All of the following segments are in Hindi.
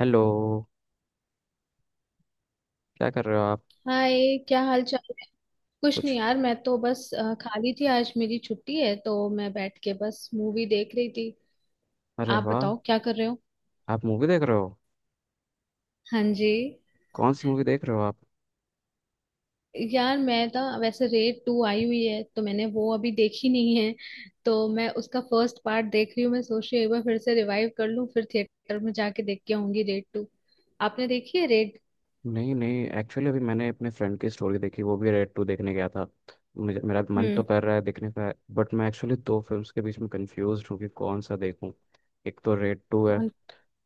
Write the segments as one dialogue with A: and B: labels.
A: हेलो। क्या कर रहे हो आप।
B: हाय, क्या हाल चाल है? कुछ नहीं
A: कुछ।
B: यार, मैं तो बस खाली थी। आज मेरी छुट्टी है तो मैं बैठ के बस मूवी देख रही थी।
A: अरे
B: आप
A: वाह।
B: बताओ क्या कर रहे हो।
A: आप मूवी देख रहे हो।
B: हाँ जी।
A: कौन सी मूवी देख रहे हो आप।
B: यार मैं ना वैसे, रेड टू आई हुई है तो मैंने वो अभी देखी नहीं है। तो मैं उसका फर्स्ट पार्ट देख रही हूँ। मैं सोच रही हूँ एक बार फिर से रिवाइव कर लूँ, फिर थिएटर में जाके देख के आऊंगी रेड टू। आपने देखी है रेड?
A: नहीं नहीं, एक्चुअली अभी मैंने अपने फ्रेंड की स्टोरी देखी, वो भी रेड टू देखने गया था। मुझे मेरा मन तो
B: हम्म।
A: कर रहा है देखने का बट मैं एक्चुअली दो फिल्म्स के बीच में कंफ्यूज हूँ कि कौन सा देखूँ। एक तो रेड टू है
B: कौन।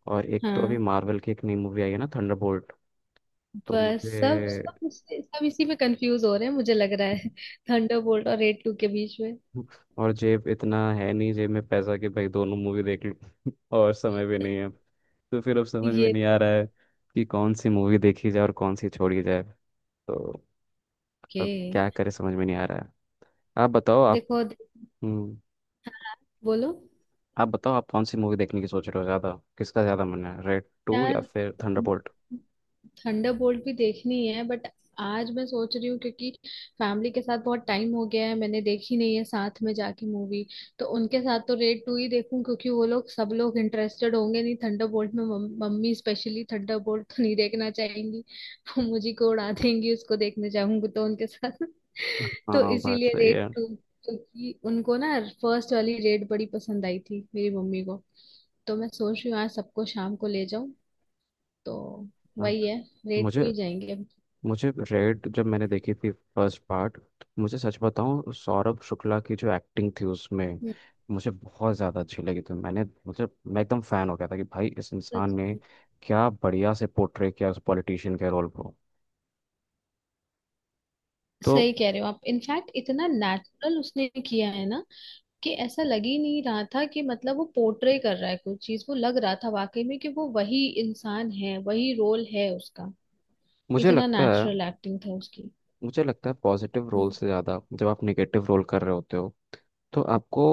A: और एक तो अभी
B: हाँ,
A: मार्वल की एक नई मूवी आई है ना, थंडरबोल्ट। तो
B: बस
A: मुझे
B: सब सब इसी में कंफ्यूज हो रहे हैं, मुझे लग रहा है थंडरबोल्ट और रेड टू के बीच में।
A: और जेब इतना है नहीं, जेब में पैसा कि भाई दोनों मूवी देख लूं और समय भी नहीं है। तो फिर अब समझ में
B: ये
A: नहीं आ रहा है कि कौन सी मूवी देखी जाए और कौन सी छोड़ी जाए। तो अब
B: के
A: क्या करें, समझ में नहीं आ रहा है। आप बताओ आप।
B: देखो
A: हम्म।
B: बोलो।
A: आप बताओ आप कौन सी मूवी देखने की सोच रहे हो ज़्यादा, किसका ज़्यादा मन है, रेड टू या
B: यार,
A: फिर थंडरबोल्ट।
B: थंडरबोल्ट भी देखनी है बट आज मैं सोच रही हूँ क्योंकि फैमिली के साथ बहुत टाइम हो गया है, मैंने देखी नहीं है साथ में जाके मूवी। तो उनके साथ तो रेड टू ही देखूं क्योंकि वो लोग, सब लोग इंटरेस्टेड होंगे, नहीं थंडरबोल्ट में। मम्मी स्पेशली थंडरबोल्ट तो नहीं देखना चाहेंगी। वो मुझे को उड़ा देंगी उसको देखने जाऊंगी तो उनके साथ। तो
A: हाँ, बात
B: इसीलिए
A: सही
B: रेड
A: है।
B: टू। क्योंकि उनको ना फर्स्ट वाली रेड बड़ी पसंद आई थी, मेरी मम्मी को। तो मैं सोच रही हूँ आज सबको शाम को ले जाऊं। तो
A: हाँ,
B: वही है, रेट टू
A: मुझे
B: ही जाएंगे अब।
A: मुझे रेड जब मैंने देखी थी फर्स्ट पार्ट, मुझे सच बताऊं, सौरभ शुक्ला की जो एक्टिंग थी उसमें
B: हम्म,
A: मुझे बहुत ज़्यादा अच्छी लगी थी। मैं एकदम फ़ैन हो गया था कि भाई इस इंसान
B: सच-
A: ने क्या बढ़िया से पोर्ट्रे किया उस पॉलिटिशियन के रोल को। तो
B: सही कह रहे हो आप। इनफैक्ट इतना नेचुरल उसने किया है ना, कि ऐसा लग ही नहीं रहा था कि मतलब वो पोर्ट्रे कर रहा है कोई चीज वो लग रहा था वाकई में कि वो वही इंसान है, वही रोल है उसका।
A: मुझे
B: इतना
A: लगता है
B: नेचुरल एक्टिंग था उसकी।
A: मुझे लगता है, पॉजिटिव रोल
B: हम्म।
A: से ज़्यादा जब आप निगेटिव रोल कर रहे होते हो, तो आपको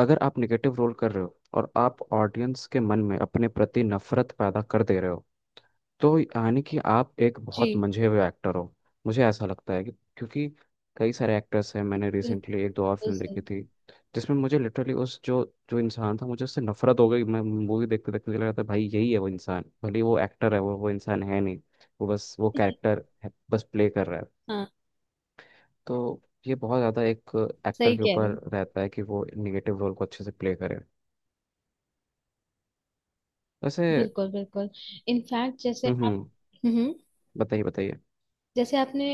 A: अगर आप निगेटिव रोल कर रहे हो और आप ऑडियंस के मन में अपने प्रति नफरत पैदा कर दे रहे हो, तो यानी कि आप एक बहुत
B: जी।
A: मंझे हुए एक्टर हो। मुझे ऐसा लगता है कि, क्योंकि कई सारे एक्टर्स हैं, मैंने
B: बिल्कुल
A: रिसेंटली एक दो और फिल्म देखी
B: सही।
A: थी जिसमें मुझे लिटरली उस जो जो इंसान था, मुझे उससे नफरत हो गई। मैं मूवी देखते देखते लग रहा था, भाई यही है वो इंसान, भले ही वो एक्टर है, वो इंसान है नहीं, वो बस वो कैरेक्टर है, बस प्ले कर रहा है।
B: हाँ,
A: तो ये बहुत ज़्यादा एक एक्टर
B: सही
A: के
B: कह रहे
A: ऊपर
B: हो।
A: रहता है कि वो निगेटिव रोल को अच्छे से प्ले करे। वैसे।
B: बिल्कुल बिल्कुल। इनफैक्ट जैसे
A: हम्म,
B: आप।
A: हम्म।
B: हम्म।
A: बताइए, बताइए।
B: जैसे आपने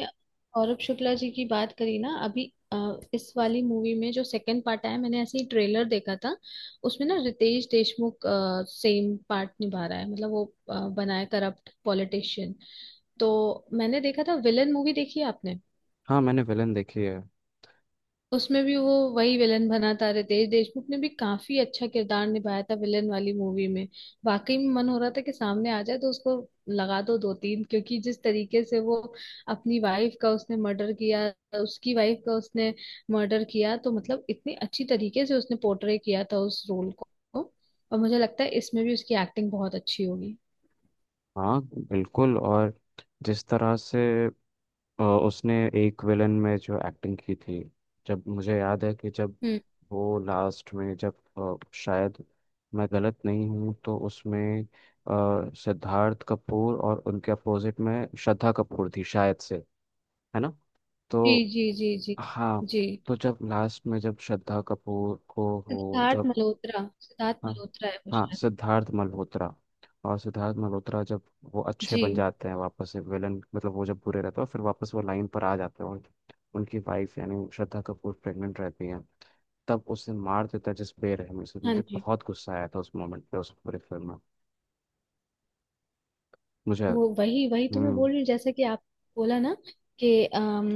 B: सौरभ शुक्ला जी की बात करी ना अभी, अ, इस वाली मूवी में जो सेकंड पार्ट आया, मैंने ऐसे ही ट्रेलर देखा था। उसमें ना रितेश देशमुख सेम पार्ट निभा रहा है। मतलब वो बना है करप्ट पॉलिटिशियन। तो मैंने देखा था, विलन मूवी देखी है आपने?
A: हाँ, मैंने विलन देखी है।
B: उसमें भी वो वही विलन बना था। रितेश देशमुख ने भी काफी अच्छा किरदार निभाया था विलन वाली मूवी में। वाकई में मन हो रहा था कि सामने आ जाए तो उसको लगा दो दो तीन, क्योंकि जिस तरीके से वो अपनी वाइफ का उसने मर्डर किया, उसकी वाइफ का उसने मर्डर किया, तो मतलब इतनी अच्छी तरीके से उसने पोर्ट्रे किया था उस रोल को। और मुझे लगता है इसमें भी उसकी एक्टिंग बहुत अच्छी होगी।
A: हाँ बिल्कुल, और जिस तरह से उसने एक विलन में जो एक्टिंग की थी, जब मुझे याद है कि जब
B: हम्म।
A: वो लास्ट में, जब शायद मैं गलत नहीं हूँ तो उसमें सिद्धार्थ कपूर और उनके अपोजिट में श्रद्धा कपूर थी शायद से, है ना। तो।
B: जी जी जी जी।
A: हाँ।
B: जी।
A: तो जब लास्ट में जब श्रद्धा कपूर को वो
B: सिद्धार्थ
A: जब।
B: मल्होत्रा, सिद्धार्थ
A: हाँ
B: मल्होत्रा है वो
A: हाँ,
B: शायद।
A: सिद्धार्थ मल्होत्रा और सिद्धार्थ मल्होत्रा जब वो अच्छे
B: जी।
A: बन जाते हैं वापस से विलन, मतलब वो जब बुरे रहते हैं फिर वापस वो लाइन पर आ जाते हैं, उनकी उनकी वाइफ यानी श्रद्धा कपूर प्रेग्नेंट रहती है, तब उसे मार देता है जिस बेरहमी से,
B: हाँ
A: मुझे
B: जी।
A: बहुत गुस्सा आया था उस मोमेंट पे, उस पूरे फिल्म में। मुझे।
B: वो वही वही तो मैं
A: हम्म।
B: बोल रही हूँ, जैसे कि आप बोला ना, कि अम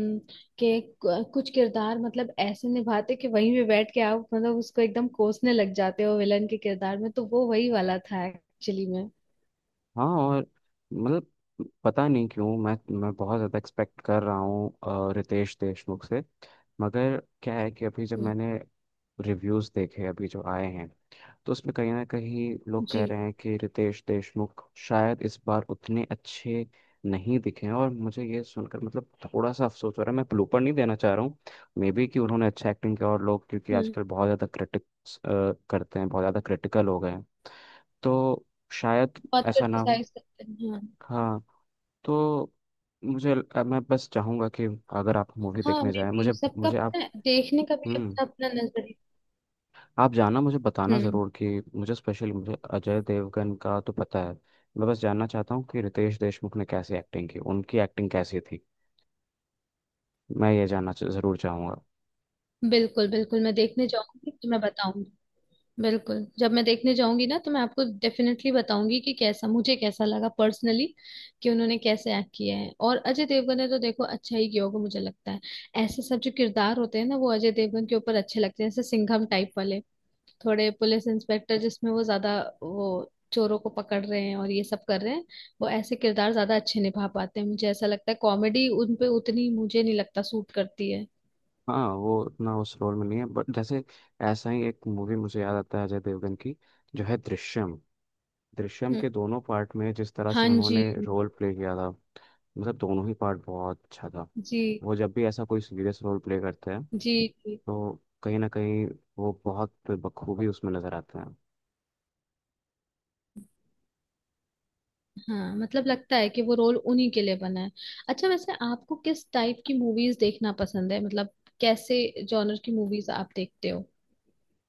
B: कि कुछ किरदार मतलब ऐसे निभाते कि वहीं पे बैठ के आप मतलब उसको एकदम कोसने लग जाते हो विलन के किरदार में। तो वो वही वाला था एक्चुअली में।
A: हाँ और मतलब, पता नहीं क्यों मैं बहुत ज़्यादा एक्सपेक्ट कर रहा हूँ रितेश देशमुख से। मगर क्या है कि अभी जब
B: हम्म,
A: मैंने रिव्यूज़ देखे अभी जो आए हैं, तो उसमें कहीं ना कहीं लोग कह
B: जी
A: रहे हैं कि रितेश देशमुख शायद इस बार उतने अच्छे नहीं दिखे हैं, और मुझे ये सुनकर मतलब थोड़ा सा अफसोस हो रहा है। मैं प्लूपर नहीं देना चाह रहा हूँ, मे बी कि उन्होंने अच्छा एक्टिंग किया और लोग, क्योंकि
B: हाँ।
A: आजकल बहुत ज़्यादा क्रिटिक्स करते हैं, बहुत ज़्यादा क्रिटिकल हो गए हैं, तो शायद
B: बहुत
A: ऐसा ना हो।
B: क्रिटिसाइज करते हैं, हाँ।
A: हाँ, तो मैं बस चाहूँगा कि अगर आप मूवी
B: हाँ,
A: देखने
B: मे
A: जाएं,
B: भी
A: मुझे
B: सबका
A: मुझे आप
B: पता है, देखने का भी
A: हम्म।
B: अपना अपना नजरिया।
A: आप जाना मुझे बताना
B: हम्म।
A: ज़रूर कि मुझे स्पेशली मुझे अजय देवगन का तो पता है, मैं बस जानना चाहता हूँ कि रितेश देशमुख ने कैसी एक्टिंग की, उनकी एक्टिंग कैसी थी, मैं ये जानना ज़रूर चाहूँगा।
B: बिल्कुल बिल्कुल, मैं देखने जाऊंगी तो मैं बताऊंगी। बिल्कुल, जब मैं देखने जाऊंगी ना तो मैं आपको डेफिनेटली बताऊंगी कि कैसा, मुझे कैसा लगा पर्सनली, कि उन्होंने कैसे एक्ट किया है। और अजय देवगन ने तो देखो अच्छा ही किया होगा, मुझे लगता है। ऐसे सब जो किरदार होते हैं ना वो अजय देवगन के ऊपर अच्छे लगते हैं, जैसे सिंघम टाइप वाले, थोड़े पुलिस इंस्पेक्टर, जिसमें वो ज्यादा वो चोरों को पकड़ रहे हैं और ये सब कर रहे हैं। वो ऐसे किरदार ज्यादा अच्छे निभा पाते हैं मुझे ऐसा लगता है। कॉमेडी उन पे उतनी मुझे नहीं लगता सूट करती है।
A: हाँ, वो उतना उस रोल में नहीं है बट जैसे, ऐसा ही एक मूवी मुझे याद आता है अजय देवगन की, जो है दृश्यम। दृश्यम
B: हम्म,
A: के दोनों पार्ट में जिस तरह
B: हाँ
A: से
B: जी।
A: उन्होंने रोल प्ले किया था, मतलब दोनों ही पार्ट बहुत अच्छा था।
B: जी
A: वो जब भी ऐसा कोई सीरियस रोल प्ले करते हैं,
B: जी जी।
A: तो कहीं ना कहीं वो बहुत बखूबी उसमें नज़र आते हैं।
B: हाँ, मतलब लगता है कि वो रोल उन्हीं के लिए बना है। अच्छा, वैसे आपको किस टाइप की मूवीज देखना पसंद है? मतलब कैसे जॉनर की मूवीज आप देखते हो?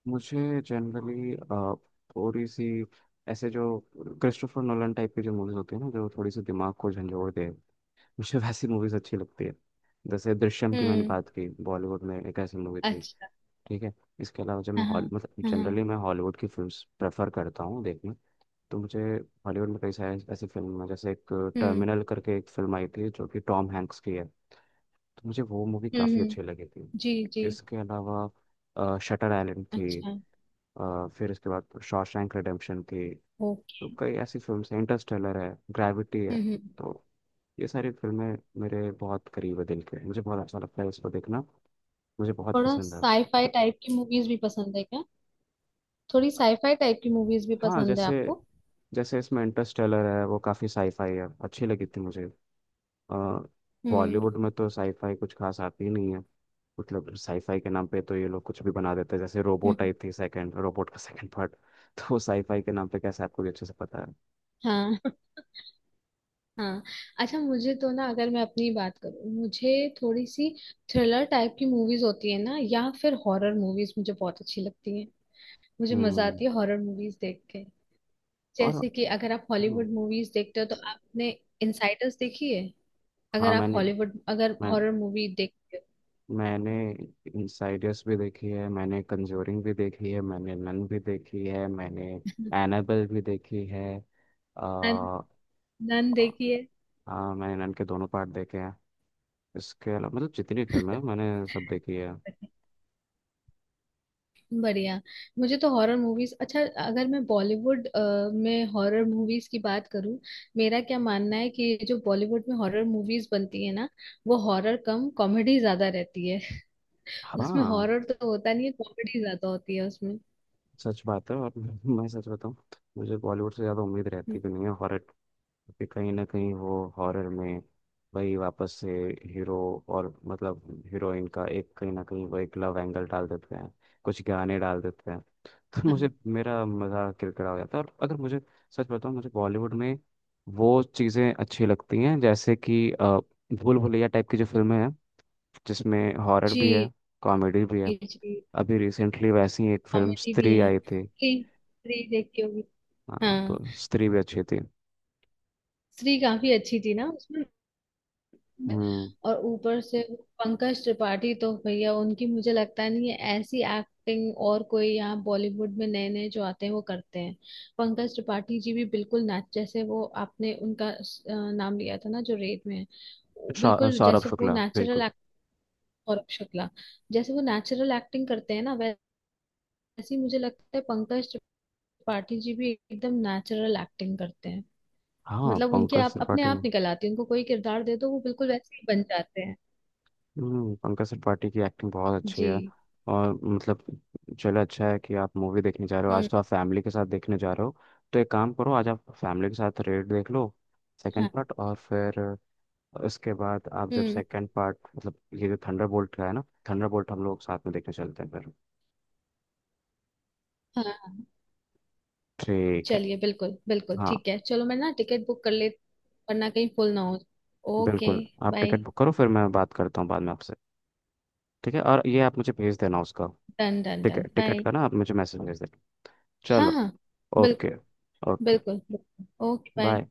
A: मुझे जनरली, थोड़ी सी, ऐसे जो क्रिस्टोफर नोलन टाइप की जो मूवीज होती है ना, जो थोड़ी सी दिमाग को झंझोड़ दे, मुझे वैसी मूवीज अच्छी लगती है। जैसे दृश्यम की मैंने
B: हम्म।
A: बात की, बॉलीवुड में एक ऐसी मूवी थी।
B: अच्छा।
A: ठीक है। इसके अलावा जब मैं
B: हाँ हाँ।
A: हॉल मतलब
B: हाँ हाँ।
A: जनरली मैं हॉलीवुड की फिल्म प्रेफर करता हूँ देखना, तो मुझे हॉलीवुड में कई सारी ऐसी फिल्म है जैसे एक
B: हम्म
A: टर्मिनल करके एक फिल्म आई थी जो कि टॉम हैंक्स की है, तो मुझे वो मूवी
B: हम्म।
A: काफ़ी अच्छी लगी थी।
B: जी जी।
A: इसके अलावा शटर आइलैंड थी,
B: अच्छा।
A: फिर इसके बाद शॉशैंक रिडेम्पशन थी। तो
B: ओके।
A: कई ऐसी फिल्म्स हैं, इंटरस्टेलर है, ग्रेविटी है।
B: हम्म हम्म।
A: तो ये सारी फिल्में मेरे बहुत करीब है दिल के, मुझे बहुत अच्छा लगता है इसको देखना, मुझे बहुत
B: थोड़ा
A: पसंद है।
B: साईफाई टाइप की मूवीज भी पसंद है क्या? थोड़ी साईफाई टाइप की मूवीज भी
A: हाँ,
B: पसंद है
A: जैसे
B: आपको?
A: जैसे इसमें इंटरस्टेलर है, वो काफ़ी साईफाई है, अच्छी लगी थी मुझे। अ,
B: हम्म।
A: बॉलीवुड में तो साईफाई कुछ खास आती ही नहीं है, मतलब साईफाई के नाम पे तो ये लोग कुछ भी बना देते हैं। जैसे रोबोट
B: हम्म।
A: आई थी, सेकंड रोबोट का सेकंड पार्ट तो वो साईफाई के नाम पे कैसे, आपको भी अच्छे से पता है।
B: हाँ। हाँ। अच्छा, मुझे तो ना, अगर मैं अपनी बात करूँ, मुझे थोड़ी सी थ्रिलर टाइप की मूवीज होती है ना, या फिर हॉरर मूवीज, मुझे बहुत अच्छी लगती है। मुझे मजा
A: हम्म।
B: आती है हॉरर मूवीज देख के।
A: और।
B: जैसे कि अगर आप
A: हम्म,
B: हॉलीवुड मूवीज देखते हो, तो आपने इनसाइडर्स देखी है?
A: हाँ,
B: अगर आप हॉलीवुड अगर
A: मैं
B: हॉरर मूवी देखते
A: मैंने इनसाइडर्स भी देखी है, मैंने कंजोरिंग भी देखी है, मैंने नन भी देखी है, मैंने
B: हो।
A: एनाबेल भी देखी है।
B: नन।
A: आ,
B: नन देखी है?
A: हाँ, मैंने नन के दोनों पार्ट देखे हैं। इसके अलावा मतलब जितनी फिल्में हैं, मैंने सब देखी है।
B: बढ़िया। मुझे तो हॉरर मूवीज अच्छा, अगर मैं बॉलीवुड में हॉरर मूवीज की बात करूं, मेरा क्या मानना है कि जो बॉलीवुड में हॉरर मूवीज बनती है ना, वो हॉरर कम कॉमेडी ज्यादा रहती है। उसमें
A: हाँ,
B: हॉरर तो होता नहीं है, कॉमेडी ज्यादा होती है उसमें।
A: सच बात है और मैं सच बताऊँ, मुझे बॉलीवुड से ज़्यादा उम्मीद रहती भी नहीं है हॉरर, क्योंकि कहीं ना कहीं वो हॉरर में वही वापस से हीरो और मतलब हीरोइन का एक कहीं ना कहीं वो एक लव एंगल डाल देते हैं, कुछ गाने डाल देते हैं तो मुझे,
B: हाँ।
A: मेरा मज़ा किरकिरा हो जाता है और अगर मुझे सच बताऊं, मुझे बॉलीवुड में वो चीज़ें अच्छी लगती हैं जैसे कि भूल भुलैया टाइप की जो फिल्में हैं, जिसमें हॉरर
B: जी
A: भी है, कॉमेडी भी है।
B: जी।
A: अभी रिसेंटली वैसी ही एक फिल्म
B: कॉमेडी भी
A: स्त्री
B: है।
A: आई थी।
B: स्त्री, स्त्री देखी होगी।
A: हाँ, तो
B: हाँ।
A: स्त्री भी अच्छी थी।
B: स्त्री काफी अच्छी थी ना उसमें।
A: हम्म।
B: और ऊपर से वो पंकज त्रिपाठी, तो भैया उनकी मुझे लगता नहीं है ऐसी एक्टिंग और कोई यहाँ बॉलीवुड में, नए नए जो आते हैं वो करते हैं। पंकज त्रिपाठी जी भी बिल्कुल ना, जैसे वो आपने उनका नाम लिया था ना, जो रेड में है। बिल्कुल
A: सौरभ
B: जैसे वो
A: शुक्ला
B: नेचुरल
A: बिल्कुल।
B: एक्ट, और शुक्ला, जैसे वो नेचुरल एक्टिंग करते हैं ना, वैसे ही मुझे लगता है पंकज त्रिपाठी जी भी एकदम नेचुरल एक्टिंग करते हैं।
A: हाँ,
B: मतलब उनके
A: पंकज
B: आप अपने
A: त्रिपाठी।
B: आप निकल आती है, उनको कोई किरदार दे दो वो बिल्कुल वैसे ही बन जाते हैं।
A: हम्म। पंकज त्रिपाठी की एक्टिंग बहुत अच्छी
B: जी।
A: है और मतलब, चलो अच्छा है कि आप मूवी देखने जा रहे हो, आज तो आप फैमिली के साथ देखने जा रहे हो, तो एक काम करो, आज आप फैमिली के साथ रेड देख लो सेकंड
B: हाँ।
A: पार्ट और फिर उसके बाद आप जब
B: हम्म।
A: सेकंड पार्ट, मतलब ये जो थंडरबोल्ट का है ना, थंडरबोल्ट हम लोग साथ में देखने चलते हैं फिर।
B: हाँ हाँ,
A: ठीक है।
B: चलिए। बिल्कुल बिल्कुल
A: हाँ
B: ठीक है, चलो मैं ना टिकट बुक कर ले, वरना कहीं फुल ना हो। ओके।
A: बिल्कुल, आप टिकट
B: बाय।
A: बुक करो फिर मैं बात करता हूँ बाद में आपसे। ठीक है, और ये आप मुझे भेज देना उसका।
B: डन डन
A: ठीक है,
B: डन,
A: टिकट
B: बाय।
A: का ना आप मुझे मैसेज भेज देना।
B: हाँ
A: चलो।
B: हाँ। बिल्कुल।
A: ओके। ओके।
B: बिल्कुल बिल्कुल, ओके, बाय।
A: बाय।